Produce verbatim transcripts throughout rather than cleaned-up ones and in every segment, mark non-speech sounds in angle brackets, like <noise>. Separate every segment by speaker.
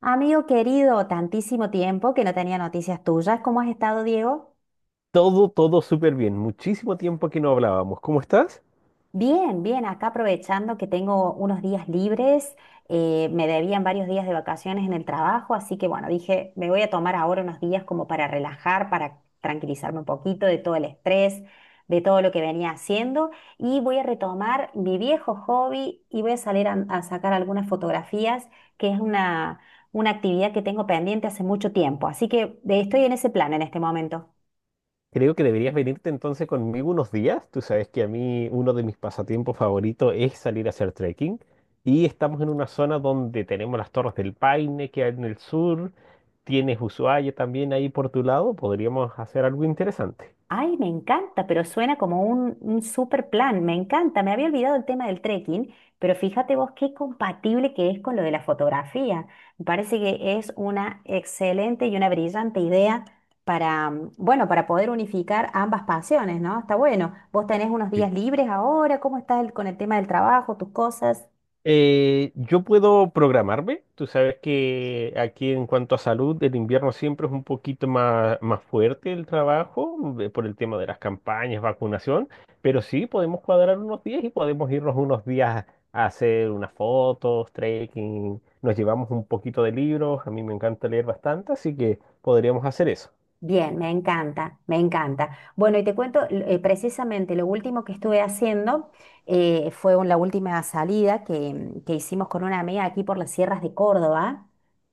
Speaker 1: Amigo querido, tantísimo tiempo que no tenía noticias tuyas. ¿Cómo has estado, Diego?
Speaker 2: Todo, todo súper bien. Muchísimo tiempo que no hablábamos. ¿Cómo estás?
Speaker 1: Bien, bien, acá aprovechando que tengo unos días libres, eh, me debían varios días de vacaciones en el trabajo, así que bueno, dije, me voy a tomar ahora unos días como para relajar, para tranquilizarme un poquito de todo el estrés, de todo lo que venía haciendo y voy a retomar mi viejo hobby y voy a salir a, a sacar algunas fotografías, que es una una actividad que tengo pendiente hace mucho tiempo. Así que eh, estoy en ese plan en este momento.
Speaker 2: Creo que deberías venirte entonces conmigo unos días. Tú sabes que a mí uno de mis pasatiempos favoritos es salir a hacer trekking. Y estamos en una zona donde tenemos las Torres del Paine que hay en el sur. Tienes Ushuaia también ahí por tu lado. Podríamos hacer algo interesante.
Speaker 1: Ay, me encanta, pero suena como un, un super plan, me encanta. Me había olvidado el tema del trekking, pero fíjate vos qué compatible que es con lo de la fotografía. Me parece que es una excelente y una brillante idea para, mm, bueno, para poder unificar ambas pasiones, ¿no? Está bueno. ¿Vos tenés unos días libres ahora? ¿Cómo estás el- con el tema del trabajo, tus cosas?
Speaker 2: Eh, yo puedo programarme. Tú sabes que aquí en cuanto a salud, el invierno siempre es un poquito más, más fuerte el trabajo eh, por el tema de las campañas, vacunación, pero sí podemos cuadrar unos días y podemos irnos unos días a hacer unas fotos, trekking, nos llevamos un poquito de libros, a mí me encanta leer bastante, así que podríamos hacer eso.
Speaker 1: Bien, me encanta, me encanta. Bueno, y te cuento eh, precisamente lo último que estuve haciendo, eh, fue un- la última salida que, mm, que hicimos con una amiga aquí por las sierras de Córdoba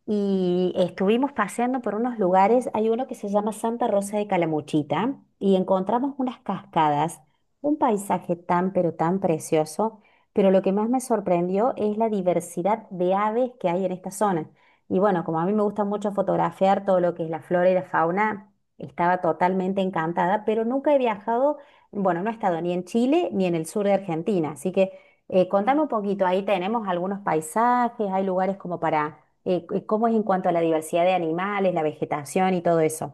Speaker 1: y estuvimos paseando por unos lugares. Hay uno que se llama Santa Rosa de Calamuchita y encontramos unas cascadas, un paisaje tan pero tan precioso, pero lo que más me sorprendió es la diversidad de aves que hay en esta zona. Y bueno, como a mí me gusta mucho fotografiar todo lo que es la flora y la fauna, estaba totalmente encantada, pero nunca he viajado, bueno, no he estado ni en Chile ni en el sur de Argentina, así que eh, contame un poquito, ahí tenemos algunos paisajes, hay lugares como para, eh, c- ¿cómo es en cuanto a la diversidad de animales, la vegetación y todo eso?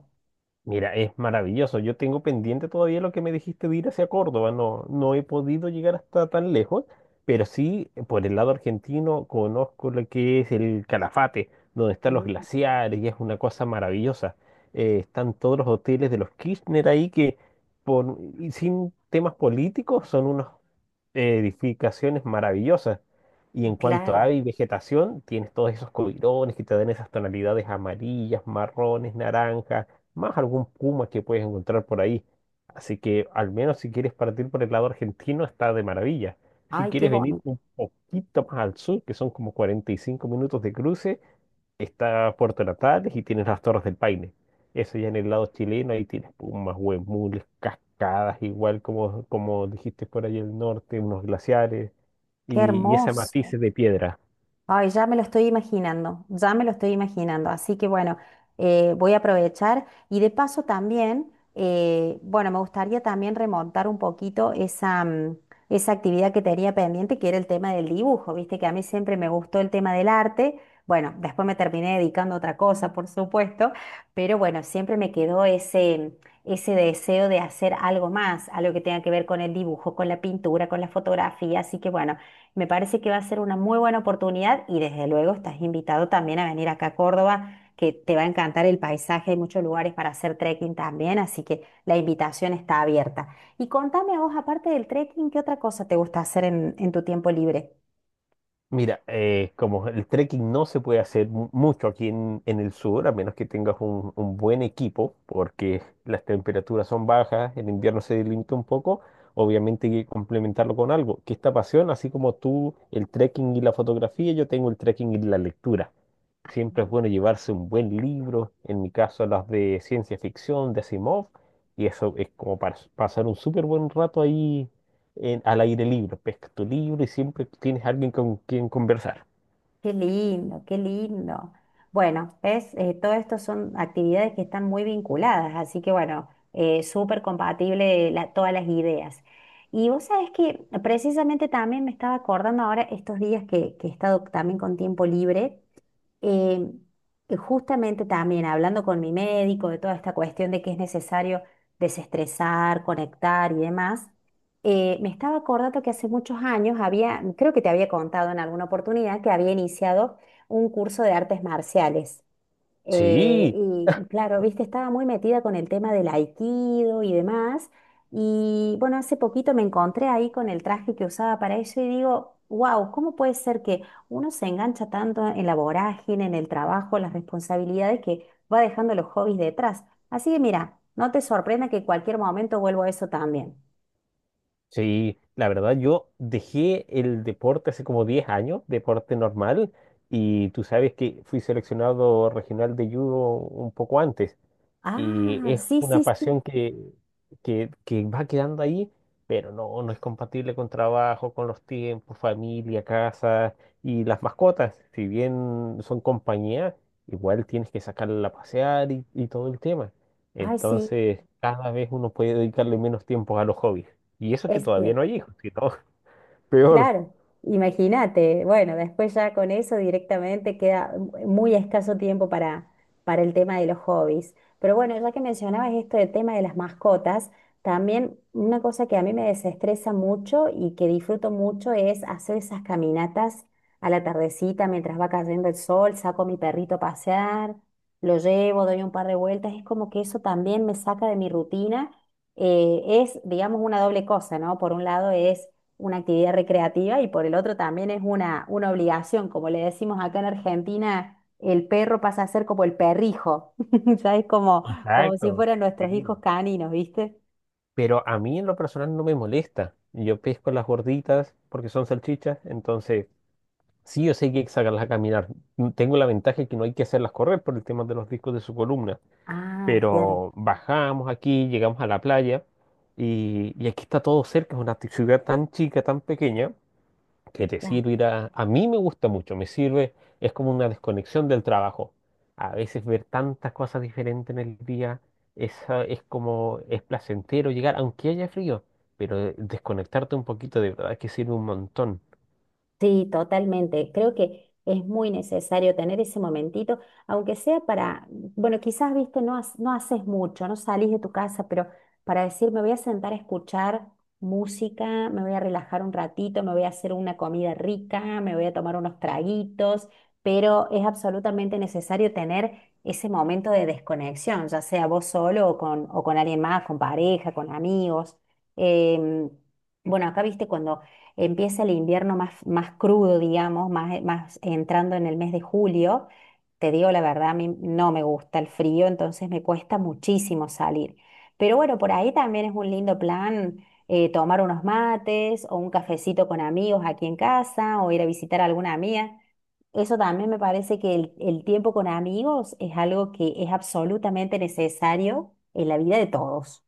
Speaker 2: Mira, es maravilloso. Yo tengo pendiente todavía lo que me dijiste de ir hacia Córdoba. No, no he podido llegar hasta tan lejos, pero sí, por el lado argentino, conozco lo que es el Calafate, donde están los
Speaker 1: Mm,
Speaker 2: glaciares y es una cosa maravillosa. Eh, están todos los hoteles de los Kirchner ahí que, por, y sin temas políticos, son unos eh, edificaciones maravillosas. Y en cuanto a
Speaker 1: claro,
Speaker 2: ave y vegetación, tienes todos esos coirones que te dan esas tonalidades amarillas, marrones, naranjas, más algún puma que puedes encontrar por ahí. Así que al menos si quieres partir por el lado argentino, está de maravilla. Si
Speaker 1: ay, qué
Speaker 2: quieres venir
Speaker 1: bonito,
Speaker 2: un poquito más al sur, que son como cuarenta y cinco minutos de cruce, está Puerto Natales y tienes las Torres del Paine. Eso ya en el lado chileno, ahí tienes pumas, huemules, cascadas, igual como, como dijiste por ahí el norte, unos glaciares
Speaker 1: qué
Speaker 2: y, y esas
Speaker 1: hermoso.
Speaker 2: matices de piedra.
Speaker 1: Ay, ya me lo estoy imaginando, ya me lo estoy imaginando. Así que bueno, eh, voy a aprovechar y de paso también, eh, bueno, me gustaría también remontar un poquito esa, mm, esa actividad que tenía pendiente, que era el tema del dibujo, viste que a mí siempre me gustó el tema del arte. Bueno, después me terminé dedicando a otra cosa, por supuesto, pero bueno, siempre me quedó ese, ese deseo de hacer algo más, algo que tenga que ver con el dibujo, con la pintura, con la fotografía. Así que bueno. Me parece que va a ser una muy buena oportunidad y desde luego estás invitado también a venir acá a Córdoba, que te va a encantar el paisaje, hay muchos lugares para hacer trekking también, así que la invitación está abierta. Y contame a vos, aparte del trekking, ¿qué otra cosa te gusta hacer en, en tu tiempo libre?
Speaker 2: Mira, eh, como el trekking no se puede hacer mu- mucho aquí en, en el sur, a menos que tengas un, un buen equipo, porque las temperaturas son bajas, el invierno se limita un poco, obviamente hay que complementarlo con algo, que esta pasión, así como tú el trekking y la fotografía, yo tengo el trekking y la lectura. Siempre es bueno llevarse un buen libro, en mi caso las de ciencia ficción, de Asimov, y eso es como para s- pasar un súper buen rato ahí en- al aire libre. Pescas tu libro y siempre tienes alguien con quien conversar.
Speaker 1: Qué lindo, qué lindo. Bueno, ves. Eh, todo esto son actividades que están muy vinculadas, así que bueno, eh, súper compatible la- todas las ideas. Y vos sabés que precisamente también me estaba acordando ahora estos días que, que he estado también con tiempo libre. Eh, justamente también hablando con mi médico de toda esta cuestión de que es necesario desestresar, conectar y demás, eh, me estaba acordando que hace muchos años había, creo que te había contado en alguna oportunidad, que había iniciado un curso de artes marciales. Eh,
Speaker 2: Sí,
Speaker 1: y claro, viste, estaba muy metida con el tema del aikido y demás. Y bueno, hace poquito me encontré ahí con el traje que usaba para eso y digo, wow, ¿cómo puede ser que uno se engancha tanto en la vorágine, en el trabajo, en las responsabilidades que va dejando los hobbies detrás? Así que mira, no te sorprenda que en cualquier momento vuelvo a eso también.
Speaker 2: sí, la verdad, yo dejé el deporte hace como diez años, deporte normal, y tú sabes que fui seleccionado regional de judo un poco antes. Y
Speaker 1: Ah,
Speaker 2: es
Speaker 1: sí,
Speaker 2: una
Speaker 1: sí, sí.
Speaker 2: pasión que, que, que va quedando ahí, pero no, no es compatible con trabajo, con los tiempos, familia, casa y las mascotas. Si bien son compañía, igual tienes que sacarla a pasear y, y todo el tema.
Speaker 1: Ay, sí,
Speaker 2: Entonces, cada vez uno puede dedicarle menos tiempo a los hobbies. Y eso que todavía
Speaker 1: este.
Speaker 2: no hay hijos, que todo <laughs> peor.
Speaker 1: Claro, imagínate, bueno, después ya con eso directamente queda mu- muy escaso tiempo para, para el tema de los hobbies. Pero bueno, ya que mencionabas esto del tema de las mascotas, también una cosa que a mí me desestresa mucho y que disfruto mucho es hacer esas caminatas a la tardecita mientras va cayendo el sol, saco a mi perrito a pasear, lo llevo, doy un par de vueltas, es como que eso también me saca de mi rutina. Eh, es, digamos, una doble cosa, ¿no? Por un lado es una actividad recreativa y por el otro también es una, una obligación. Como le decimos acá en Argentina, el perro pasa a ser como el perrijo, <laughs> sabes como, como si
Speaker 2: Exacto.
Speaker 1: fueran nuestros
Speaker 2: Sí.
Speaker 1: hijos caninos, ¿viste?
Speaker 2: Pero a mí en lo personal no me molesta. Yo pesco las gorditas porque son salchichas, entonces sí, yo sé que hay que sacarlas a caminar. Mm, tengo la ventaja que no hay que hacerlas correr por el tema de los discos de su columna.
Speaker 1: Ah, claro,
Speaker 2: Pero bajamos aquí, llegamos a la playa y, y aquí está todo cerca. Es una t- ciudad tan chica, tan pequeña, que te
Speaker 1: claro.
Speaker 2: sirve ir a A mí me gusta mucho, me sirve, es como una desconexión del trabajo. A veces ver tantas cosas diferentes en el día es, ah, es como, es placentero llegar, aunque haya frío, pero eh, desconectarte un poquito de verdad que sirve un montón.
Speaker 1: Sí, totalmente. Creo que es muy necesario tener ese momentito, aunque sea para, bueno, quizás, viste, no, has- no haces mucho, no salís de tu casa, pero para decir, me voy a sentar a escuchar música, me voy a relajar un ratito, me voy a hacer una comida rica, me voy a tomar unos traguitos, pero es absolutamente necesario tener ese momento de desconexión, ya sea vos solo o con, o con alguien más, con pareja, con amigos. Em, bueno, acá, viste, cuando empieza el invierno más, más crudo, digamos, más, más entrando en el mes de julio, te digo la verdad, a mí no me gusta el frío, entonces me cuesta muchísimo salir. Pero bueno, por ahí también es un lindo plan, eh, tomar unos mates o un cafecito con amigos aquí en casa o ir a visitar a alguna amiga. Eso también me parece que el, el tiempo con amigos es algo que es absolutamente necesario en la vida de todos.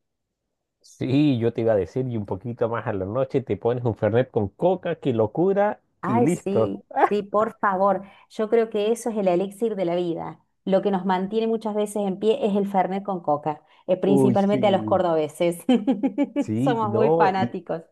Speaker 2: Sí, yo te iba a decir, y un poquito más a la noche te pones un Fernet con coca, qué locura, y
Speaker 1: Ay,
Speaker 2: listo.
Speaker 1: sí, sí,
Speaker 2: <laughs>
Speaker 1: por favor. Yo creo que eso es el elixir de la vida. Lo que nos mantiene muchas veces en pie es el fernet con coca, eh,
Speaker 2: Uy,
Speaker 1: principalmente a los
Speaker 2: sí.
Speaker 1: cordobeses. <laughs>
Speaker 2: Sí,
Speaker 1: Somos muy
Speaker 2: no, y
Speaker 1: fanáticos.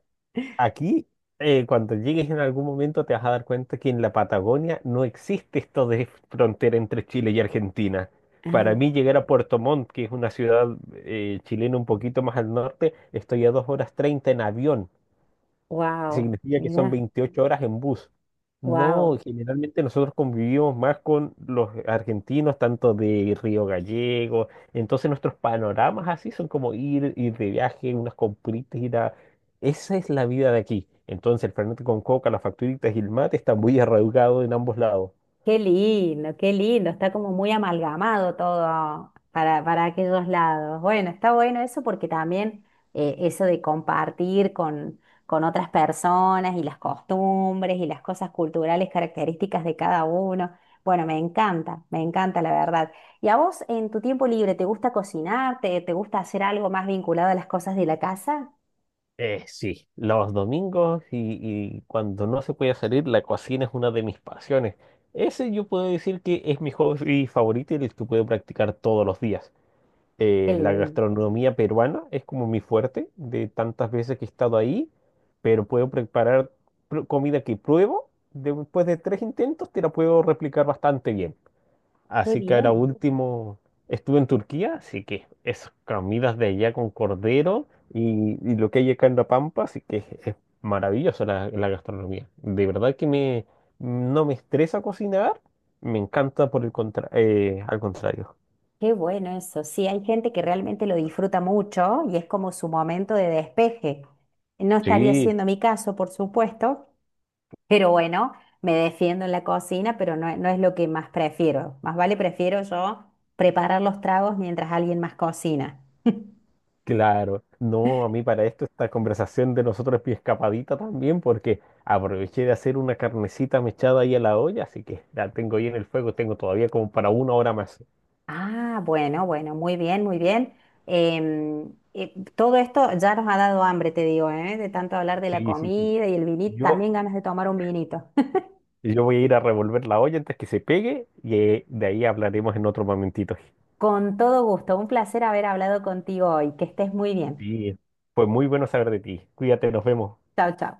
Speaker 2: aquí eh, cuando llegues en algún momento te vas a dar cuenta que en la Patagonia no existe esto de frontera entre Chile y Argentina. Para
Speaker 1: Ah,
Speaker 2: mí llegar a Puerto Montt, que es una ciudad eh, chilena un poquito más al norte, estoy a dos horas treinta en avión.
Speaker 1: wow,
Speaker 2: Significa que son
Speaker 1: mira,
Speaker 2: veintiocho horas en bus.
Speaker 1: wow.
Speaker 2: No, generalmente nosotros convivimos más con los argentinos, tanto de Río Gallego, entonces nuestros panoramas así son como ir, ir de viaje, unas compritas, ir a Esa es la vida de aquí. Entonces el fernet con coca, las facturitas y el mate están muy arraigados en ambos lados.
Speaker 1: Qué lindo, qué lindo, está como muy amalgamado todo para, para aquellos lados. Bueno, está bueno eso porque también eh, eso de compartir con, con otras personas y las costumbres y las cosas culturales características de cada uno. Bueno, me encanta, me encanta la verdad. ¿Y a vos en tu tiempo libre te gusta cocinar? ¿Te, te gusta hacer algo más vinculado a las cosas de la casa?
Speaker 2: Eh, sí, los domingos y, y cuando no se puede salir, la cocina es una de mis pasiones. Ese yo puedo decir que es mi hobby favorito y el que puedo practicar todos los días.
Speaker 1: Qué
Speaker 2: Eh, la
Speaker 1: lindo,
Speaker 2: gastronomía peruana es como mi fuerte de tantas veces que he estado ahí, pero puedo preparar pr- comida que pruebo, después de tres intentos te la puedo replicar bastante bien.
Speaker 1: qué
Speaker 2: Así que ahora
Speaker 1: bien.
Speaker 2: último estuve en Turquía, así que esas comidas de allá con cordero y, y lo que hay acá en La Pampa, así que es maravillosa la, la gastronomía. De verdad que me, no me estresa cocinar, me encanta por el contra- eh, al contrario.
Speaker 1: Qué bueno eso. Sí, hay gente que realmente lo disfruta mucho y es como su momento de despeje. No estaría
Speaker 2: Sí.
Speaker 1: siendo mi caso, por supuesto, pero bueno, me defiendo en la cocina, pero no, no es lo que más prefiero. Más vale prefiero yo preparar los tragos mientras alguien más cocina.
Speaker 2: Claro, no, a mí para esto esta conversación de nosotros es mi escapadita también, porque aproveché de hacer una carnecita mechada ahí a la olla, así que la tengo ahí en el fuego, tengo todavía como para una hora más.
Speaker 1: Ah, bueno, bueno, muy bien, muy bien. Em, eh, todo esto ya nos ha dado hambre, te digo, ¿eh? De tanto hablar de la
Speaker 2: Sí, sí, sí.
Speaker 1: comida y el vinito,
Speaker 2: Yo,
Speaker 1: también ganas de tomar un vinito.
Speaker 2: yo voy a ir a revolver la olla antes que se pegue y eh, de ahí hablaremos en otro momentito.
Speaker 1: Con todo gusto, un placer haber hablado contigo hoy. Que estés muy bien.
Speaker 2: Sí, fue muy bueno saber de ti. Cuídate, nos vemos.
Speaker 1: Chao, chao.